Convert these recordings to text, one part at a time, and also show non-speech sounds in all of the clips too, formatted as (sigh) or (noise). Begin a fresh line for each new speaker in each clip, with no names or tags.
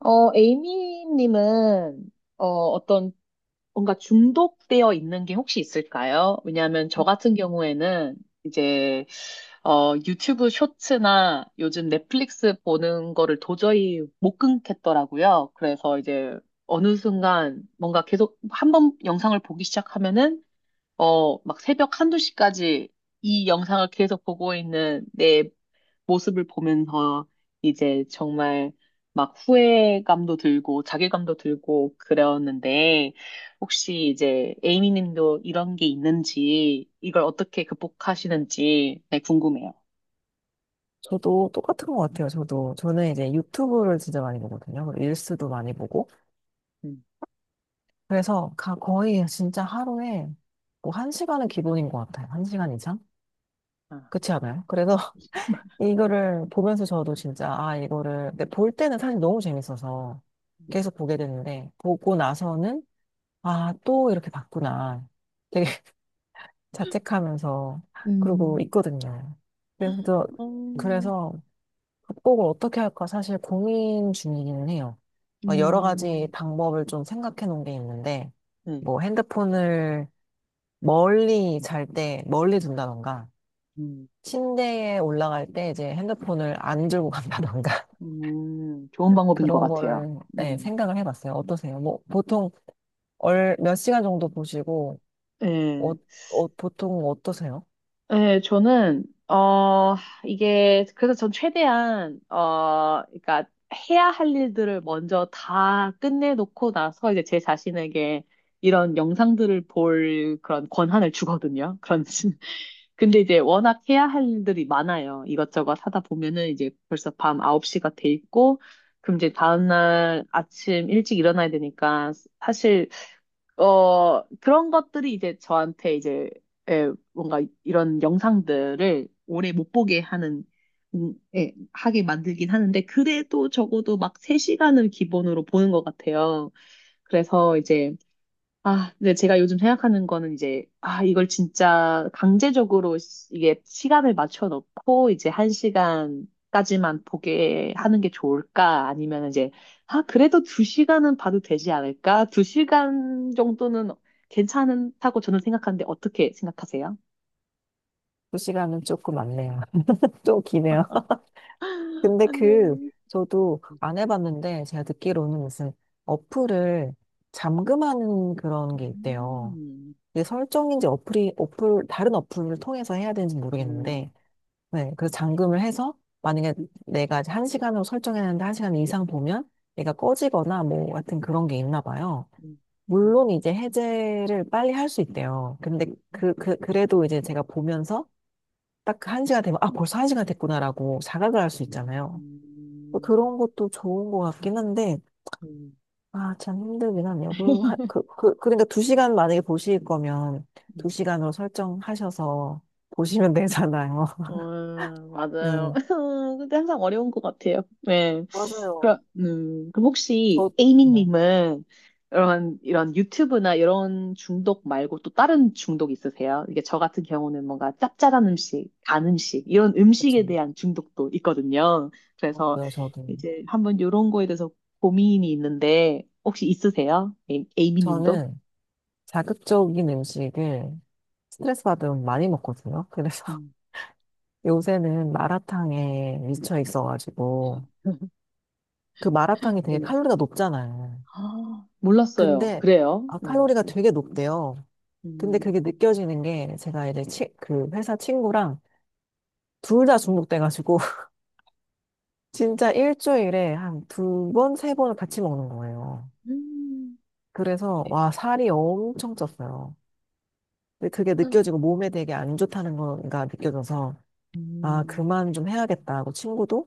에이미님은, 어, 어떤, 뭔가 중독되어 있는 게 혹시 있을까요? 왜냐하면 저 같은 경우에는 이제, 유튜브 쇼츠나 요즘 넷플릭스 보는 거를 도저히 못 끊겠더라고요. 그래서 이제 어느 순간 뭔가 계속 한번 영상을 보기 시작하면은, 막 새벽 한두 시까지 이 영상을 계속 보고 있는 내 모습을 보면서 이제 정말 막 후회감도 들고 자괴감도 들고 그랬는데 혹시 이제 에이미 님도 이런 게 있는지 이걸 어떻게 극복하시는지 네, 궁금해요.
저도 똑같은 것 같아요. 저도 저는 이제 유튜브를 진짜 많이 보거든요. 그리고 릴스도 많이 보고,
음.
그래서 거의 진짜 하루에 뭐 한 시간은 기본인 것 같아요. 1시간 이상?
아.
그렇지 않아요? 그래서 (laughs)
(laughs)
이거를 보면서 저도 진짜, 아, 이거를 근데 볼 때는 사실 너무 재밌어서 계속 보게 되는데, 보고 나서는 아, 또 이렇게 봤구나. 되게 (laughs) 자책하면서 그러고
음,
있거든요. 그래서 저-
어,
그래서 극복을 어떻게 할까 사실 고민 중이기는 해요. 여러 가지
음,
방법을 좀 생각해 놓은 게 있는데,
네.
뭐 핸드폰을 멀리, 잘 때 멀리 둔다던가,
음,
침대에 올라갈 때 이제 핸드폰을 안 들고 간다던가,
좋은
(laughs)
방법인 것
그런
같아요.
거를, 네,
음,
생각을 해봤어요. 어떠세요? 뭐 보통 몇 시간 정도 보시고, 어,
예.
보통 어떠세요?
네, 저는 어 이게 그래서 전 최대한 그러니까 해야 할 일들을 먼저 다 끝내놓고 나서 이제 제 자신에게 이런 영상들을 볼 그런 권한을 주거든요. 그런 (laughs) 근데 이제 워낙 해야 할 일들이 많아요. 이것저것 하다 보면은 이제 벌써 밤 9시가 돼 있고 그럼 이제 다음날 아침 일찍 일어나야 되니까 사실 그런 것들이 이제 저한테 이제 예, 뭔가 이런 영상들을 오래 못 보게 하는 예, 하게 만들긴 하는데 그래도 적어도 막 3시간을 기본으로 보는 것 같아요. 그래서 이제 아, 근데 제가 요즘 생각하는 거는 이제, 아, 이걸 진짜 강제적으로 이게 시간을 맞춰 놓고 이제 1시간까지만 보게 하는 게 좋을까? 아니면 이제, 아, 그래도 2시간은 봐도 되지 않을까? 2시간 정도는 괜찮다고 저는 생각하는데 어떻게 생각하세요?
두 시간은 조금 많네요. (laughs) 좀 기네요. 근데
안 돼.
그, 저도 안 해봤는데, 제가 듣기로는 무슨 어플을 잠금하는 그런 게 있대요.
음,
이게 설정인지 다른 어플을 통해서 해야 되는지
음,
모르겠는데, 네, 그래서 잠금을 해서, 만약에 내가 이제 한 시간으로 설정했는데 1시간 이상 보면 얘가 꺼지거나 뭐 같은 그런 게 있나 봐요.
음, 음,
물론 이제 해제를 빨리 할 수 있대요. 근데 그래도 이제 제가 보면서 딱 그 1시간 되면, 아, 벌써 1시간 됐구나라고 자각을 할 수
음,
있잖아요. 뭐
음,
그런 것도 좋은 것 같긴 한데,
음,
아, 참 힘들긴 하네요. 그러니까 2시간 만약에 보실 거면 두
음.
시간으로 설정하셔서 보시면 되잖아요. (laughs)
맞아요.
네.
(laughs) 근데 항상 어려운 것 같아요. 네. 그럼,
맞아요.
그럼
저,
혹시
뭐,
에이미님은 이런 유튜브나 이런 중독 말고 또 다른 중독 있으세요? 이게 저 같은 경우는 뭔가 짭짤한 음식, 단 음식, 이런
그쵸.
음식에 대한 중독도 있거든요. 그래서
맞아요, 저도.
이제 한번 이런 거에 대해서 고민이 있는데 혹시 있으세요? 에이미님도?
저는 자극적인 음식을 스트레스 받으면 많이 먹거든요. 그래서
음,
(laughs) 요새는 마라탕에 미쳐 있어가지고,
(laughs)
그 마라탕이 되게
네.
칼로리가 높잖아요.
아, 몰랐어요.
근데,
그래요?
아,
네.
칼로리가 되게 높대요. 근데
음.
그게 느껴지는 게 제가 이제 그 회사 친구랑 둘 다 중독돼가지고 (laughs) 진짜 일주일에 한 2번, 세 번을 같이 먹는 거예요.
음.
그래서,
네.
와, 살이 엄청 쪘어요. 근데 그게
음.
느껴지고 몸에 되게 안 좋다는 거가 느껴져서, 아,
음.
그만 좀 해야겠다 하고 친구도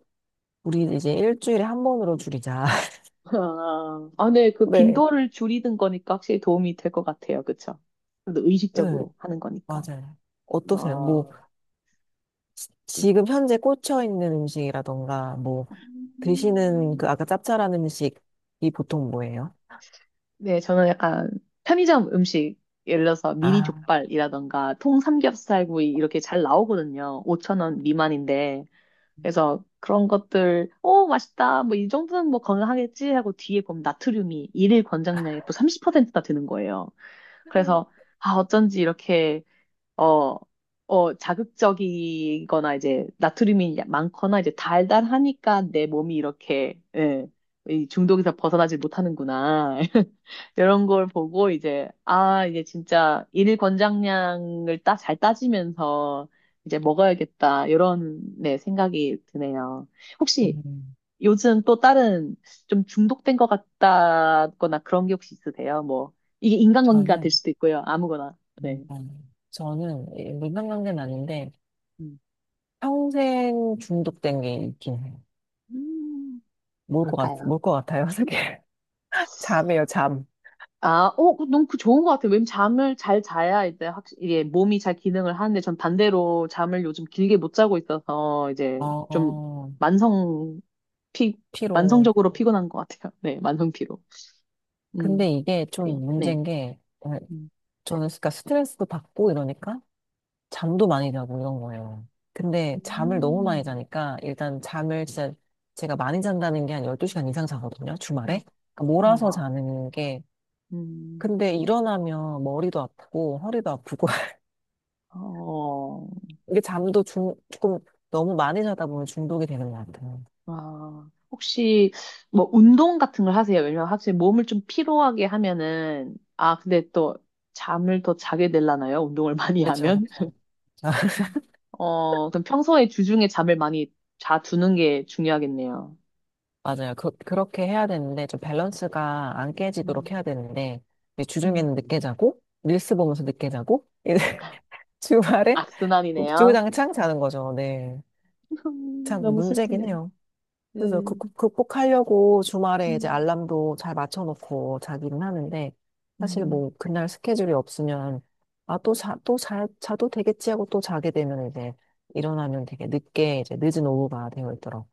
우리 이제 일주일에 한 번으로 줄이자.
아, 아, 네,
(laughs)
그
네,
빈도를 줄이는 거니까 확실히 도움이 될 것 같아요. 그쵸? 그래도
네,
의식적으로 하는 거니까.
맞아요. 어떠세요? 뭐
아.
지금 현재 꽂혀 있는 음식이라던가, 뭐 드시는, 그
음.
아까 짭짤한 음식이 보통 뭐예요?
네, 저는 약간 편의점 음식, 예를 들어서 미니
아,
족발이라던가 통 삼겹살구이 이렇게 잘 나오거든요. 5천 원 미만인데. 그래서 그런 것들, 오, 맛있다. 뭐 이 정도는 뭐 건강하겠지 하고 뒤에 보면 나트륨이 일일 권장량의 또 30%나 되는 거예요. 그래서 아 어쩐지 이렇게 어, 자극적이거나 이제 나트륨이 많거나 이제 달달하니까 내 몸이 이렇게 예, 이 중독에서 벗어나지 못하는구나. (laughs) 이런 걸 보고 이제 아 이제 진짜 일일 권장량을 잘 따지면서 이제 먹어야겠다 이런 네 생각이 드네요. 혹시
음,
요즘 또 다른 좀 중독된 것 같다거나 그런 게 혹시 있으세요? 뭐, 이게 인간관계가 될
저는,
수도 있고요. 아무거나.
음,
네.
물만 관계는 아닌데,
음.
평생 중독된 게 있긴 해요.
음, 뭘까요?
뭘것 같아요, 그게? (laughs) 잠이에요, 잠.
아, 너무 그 좋은 것 같아요. 왜냐면 잠을 잘 자야 이제 확실히 이게 몸이 잘 기능을 하는데 전 반대로 잠을 요즘 길게 못 자고 있어서 이제
어,
좀
어,
만성 피,
피로.
만성적으로 피곤한 것 같아요. (laughs) 네, 만성 피로. 음,
근데 이게
그래요?
좀
네.
문제인 게, 어,
음,
저는 그러니까 스트레스도 받고 이러니까 잠도 많이 자고 이런 거예요. 근데 잠을 너무
음,
많이 자니까 일단 잠을 진짜 제가 많이 잔다는 게 한 12시간 이상 자거든요, 주말에. 그러니까 몰아서
우와.
자는 게,
음,
근데 일어나면 머리도 아프고 허리도 아프고 (laughs)
어.
이게 잠도 조금 너무 많이 자다 보면 중독이 되는 것 같아요.
아, 혹시 뭐 운동 같은 걸 하세요? 왜냐면 확실히 몸을 좀 피로하게 하면은 아, 근데 또 잠을 더 자게 되려나요? 운동을 많이
그렇죠,
하면? (laughs)
그렇죠. (laughs)
그럼 평소에 주중에 잠을 많이 자 두는 게 중요하겠네요.
맞아요. 그렇게 해야 되는데 좀 밸런스가 안 깨지도록
음,
해야 되는데 이제
음.
주중에는 늦게 자고 릴스 보면서 늦게 자고 (laughs) 이제 주말에
악순환이네요.
주구장창 자는 거죠. 네,
(laughs)
참
너무
문제긴
슬프네요.
해요.
네
그래서 극복하려고 주말에 이제
음.
알람도 잘 맞춰놓고 자기는 하는데, 사실
음.
뭐, 그날 스케줄이 없으면, 아, 자도 되겠지 하고 또 자게 되면 이제, 일어나면 되게 늦게, 이제 늦은 오후가 되어 있더라고.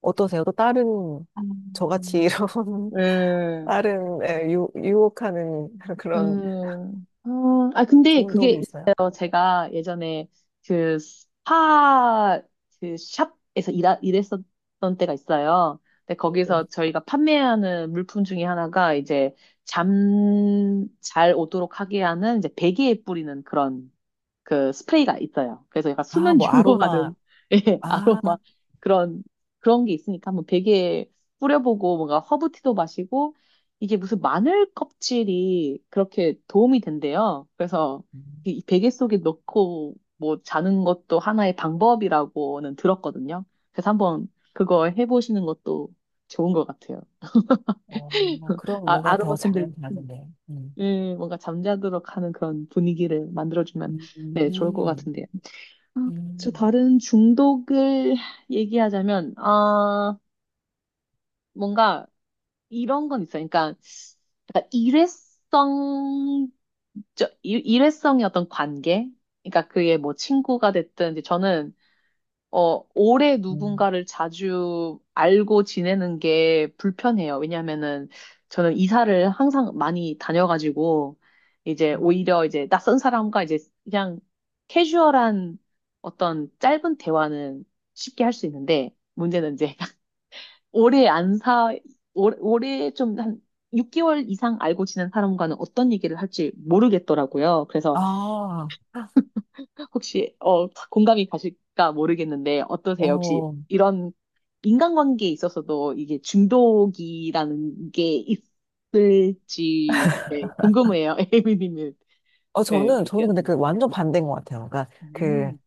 어떠세요? 또 다른, 저같이 이런, (laughs)
네.
다른, 예, 유혹하는 (laughs) 그런
아, 근데 그게
중독이 있어요?
있어요. 제가 예전에 그 스파, 그 샵에서 일했었던 때가 있어요. 근데 거기서 저희가 판매하는 물품 중에 하나가 이제 잠 잘 오도록 하게 하는 이제 베개에 뿌리는 그런 그 스프레이가 있어요. 그래서 약간
아,
수면
뭐, 아로마,
유도하는 (laughs) 예,
아,
아로마 그런 그런 게 있으니까 한번 베개에 뿌려보고 뭔가 허브티도 마시고 이게 무슨 마늘 껍질이 그렇게 도움이 된대요. 그래서
음.
이 베개 속에 넣고 뭐 자는 것도 하나의 방법이라고는 들었거든요. 그래서 한번 그거 해보시는 것도 좋은 것 같아요.
어,
(laughs)
그럼
아,
뭔가
아로마
더 잘
캔들
나는데. 음.
예, 뭔가 잠자도록 하는 그런 분위기를 만들어주면
음.
네, 좋을 것 같은데요. 아, 저
음.
다른 중독을 (laughs) 얘기하자면, 아, 뭔가 이런 건 있어요. 그러니까 약간 일회성, 일회성의 어떤 관계? 그러니까 그게 뭐 친구가 됐든, 이제 저는 오래
음.
누군가를 자주 알고 지내는 게 불편해요. 왜냐면은 저는 이사를 항상 많이 다녀가지고 이제 오히려 이제 낯선 사람과 이제 그냥 캐주얼한 어떤 짧은 대화는 쉽게 할 수 있는데 문제는 이제 (laughs) 오래 안 사, 오래 좀 한 6개월 이상 알고 지낸 사람과는 어떤 얘기를 할지 모르겠더라고요. 그래서
아,
혹시 공감이 가실까 모르겠는데 어떠세요? 혹시
어,
이런 인간관계에 있어서도 이게 중독이라는 게 있을지 네, 궁금해요. (laughs) 에이비님은 네.
저는 근데 그 완전 반대인 것 같아요.
음,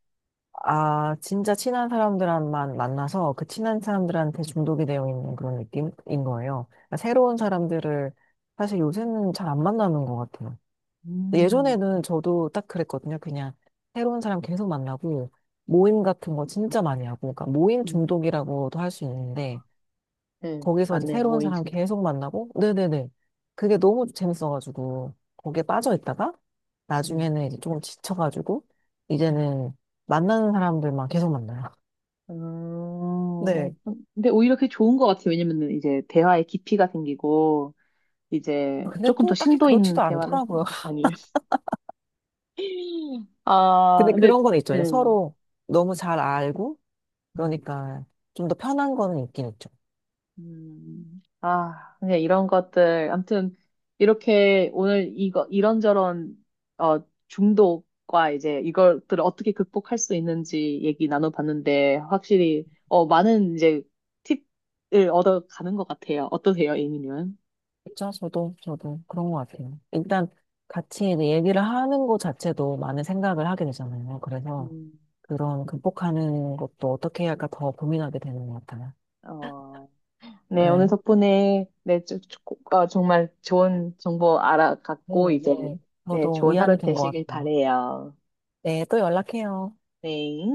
아, 진짜 친한 사람들만 만나서 그 친한 사람들한테 중독이 되어 있는 그런 느낌인 거예요. 그러니까 새로운 사람들을 사실 요새는 잘 안 만나는 것 같아요. 근데
음,
예전에는 저도 딱 그랬거든요. 그냥 새로운 사람 계속 만나고 모임 같은 거 진짜 많이 하고, 그러니까 모임
음,
중독이라고도 할 수 있는데,
네,
거기서 이제
맞네요.
새로운
모임
사람
중독.
계속 만나고, 네네네. 그게 너무 재밌어가지고, 거기에 빠져 있다가,
음,
나중에는 이제 조금 지쳐가지고,
음.
이제는 만나는 사람들만 계속 만나요.
어, 어,
네.
근데 오히려 그게 좋은 것 같아요. 왜냐면은 이제 대화의 깊이가 생기고
아,
이제
근데
조금 더
또 딱히
심도 있는
그렇지도
대화를
않더라고요. (laughs)
아니에요. (laughs) 아,
근데
근데
그런 건 있죠. 이제
음.
서로 너무 잘 알고,
음.
그러니까 좀 더 편한 거는 있긴 있죠.
아, 그냥 이런 것들. 아무튼, 이렇게 오늘 이거, 이런저런, 중독과 이제 이것들을 어떻게 극복할 수 있는지 얘기 나눠봤는데, 확실히, 많은 이제 팁을 얻어가는 것 같아요. 어떠세요, A님은?
진짜 저도, 저도 그런 것 같아요. 일단 같이 이제 얘기를 하는 것 자체도 많은 생각을 하게 되잖아요. 그래서
음,
그런 극복하는 것도 어떻게 해야 할까 더 고민하게 되는 것 같아요.
어, 네, 오늘
네,
덕분에, 네, 정말 좋은 정보
네,
알아갔고, 이제,
네.
네,
저도
좋은
위안이
하루
된 것
되시길
같아요.
바래요.
네, 또 연락해요.
네.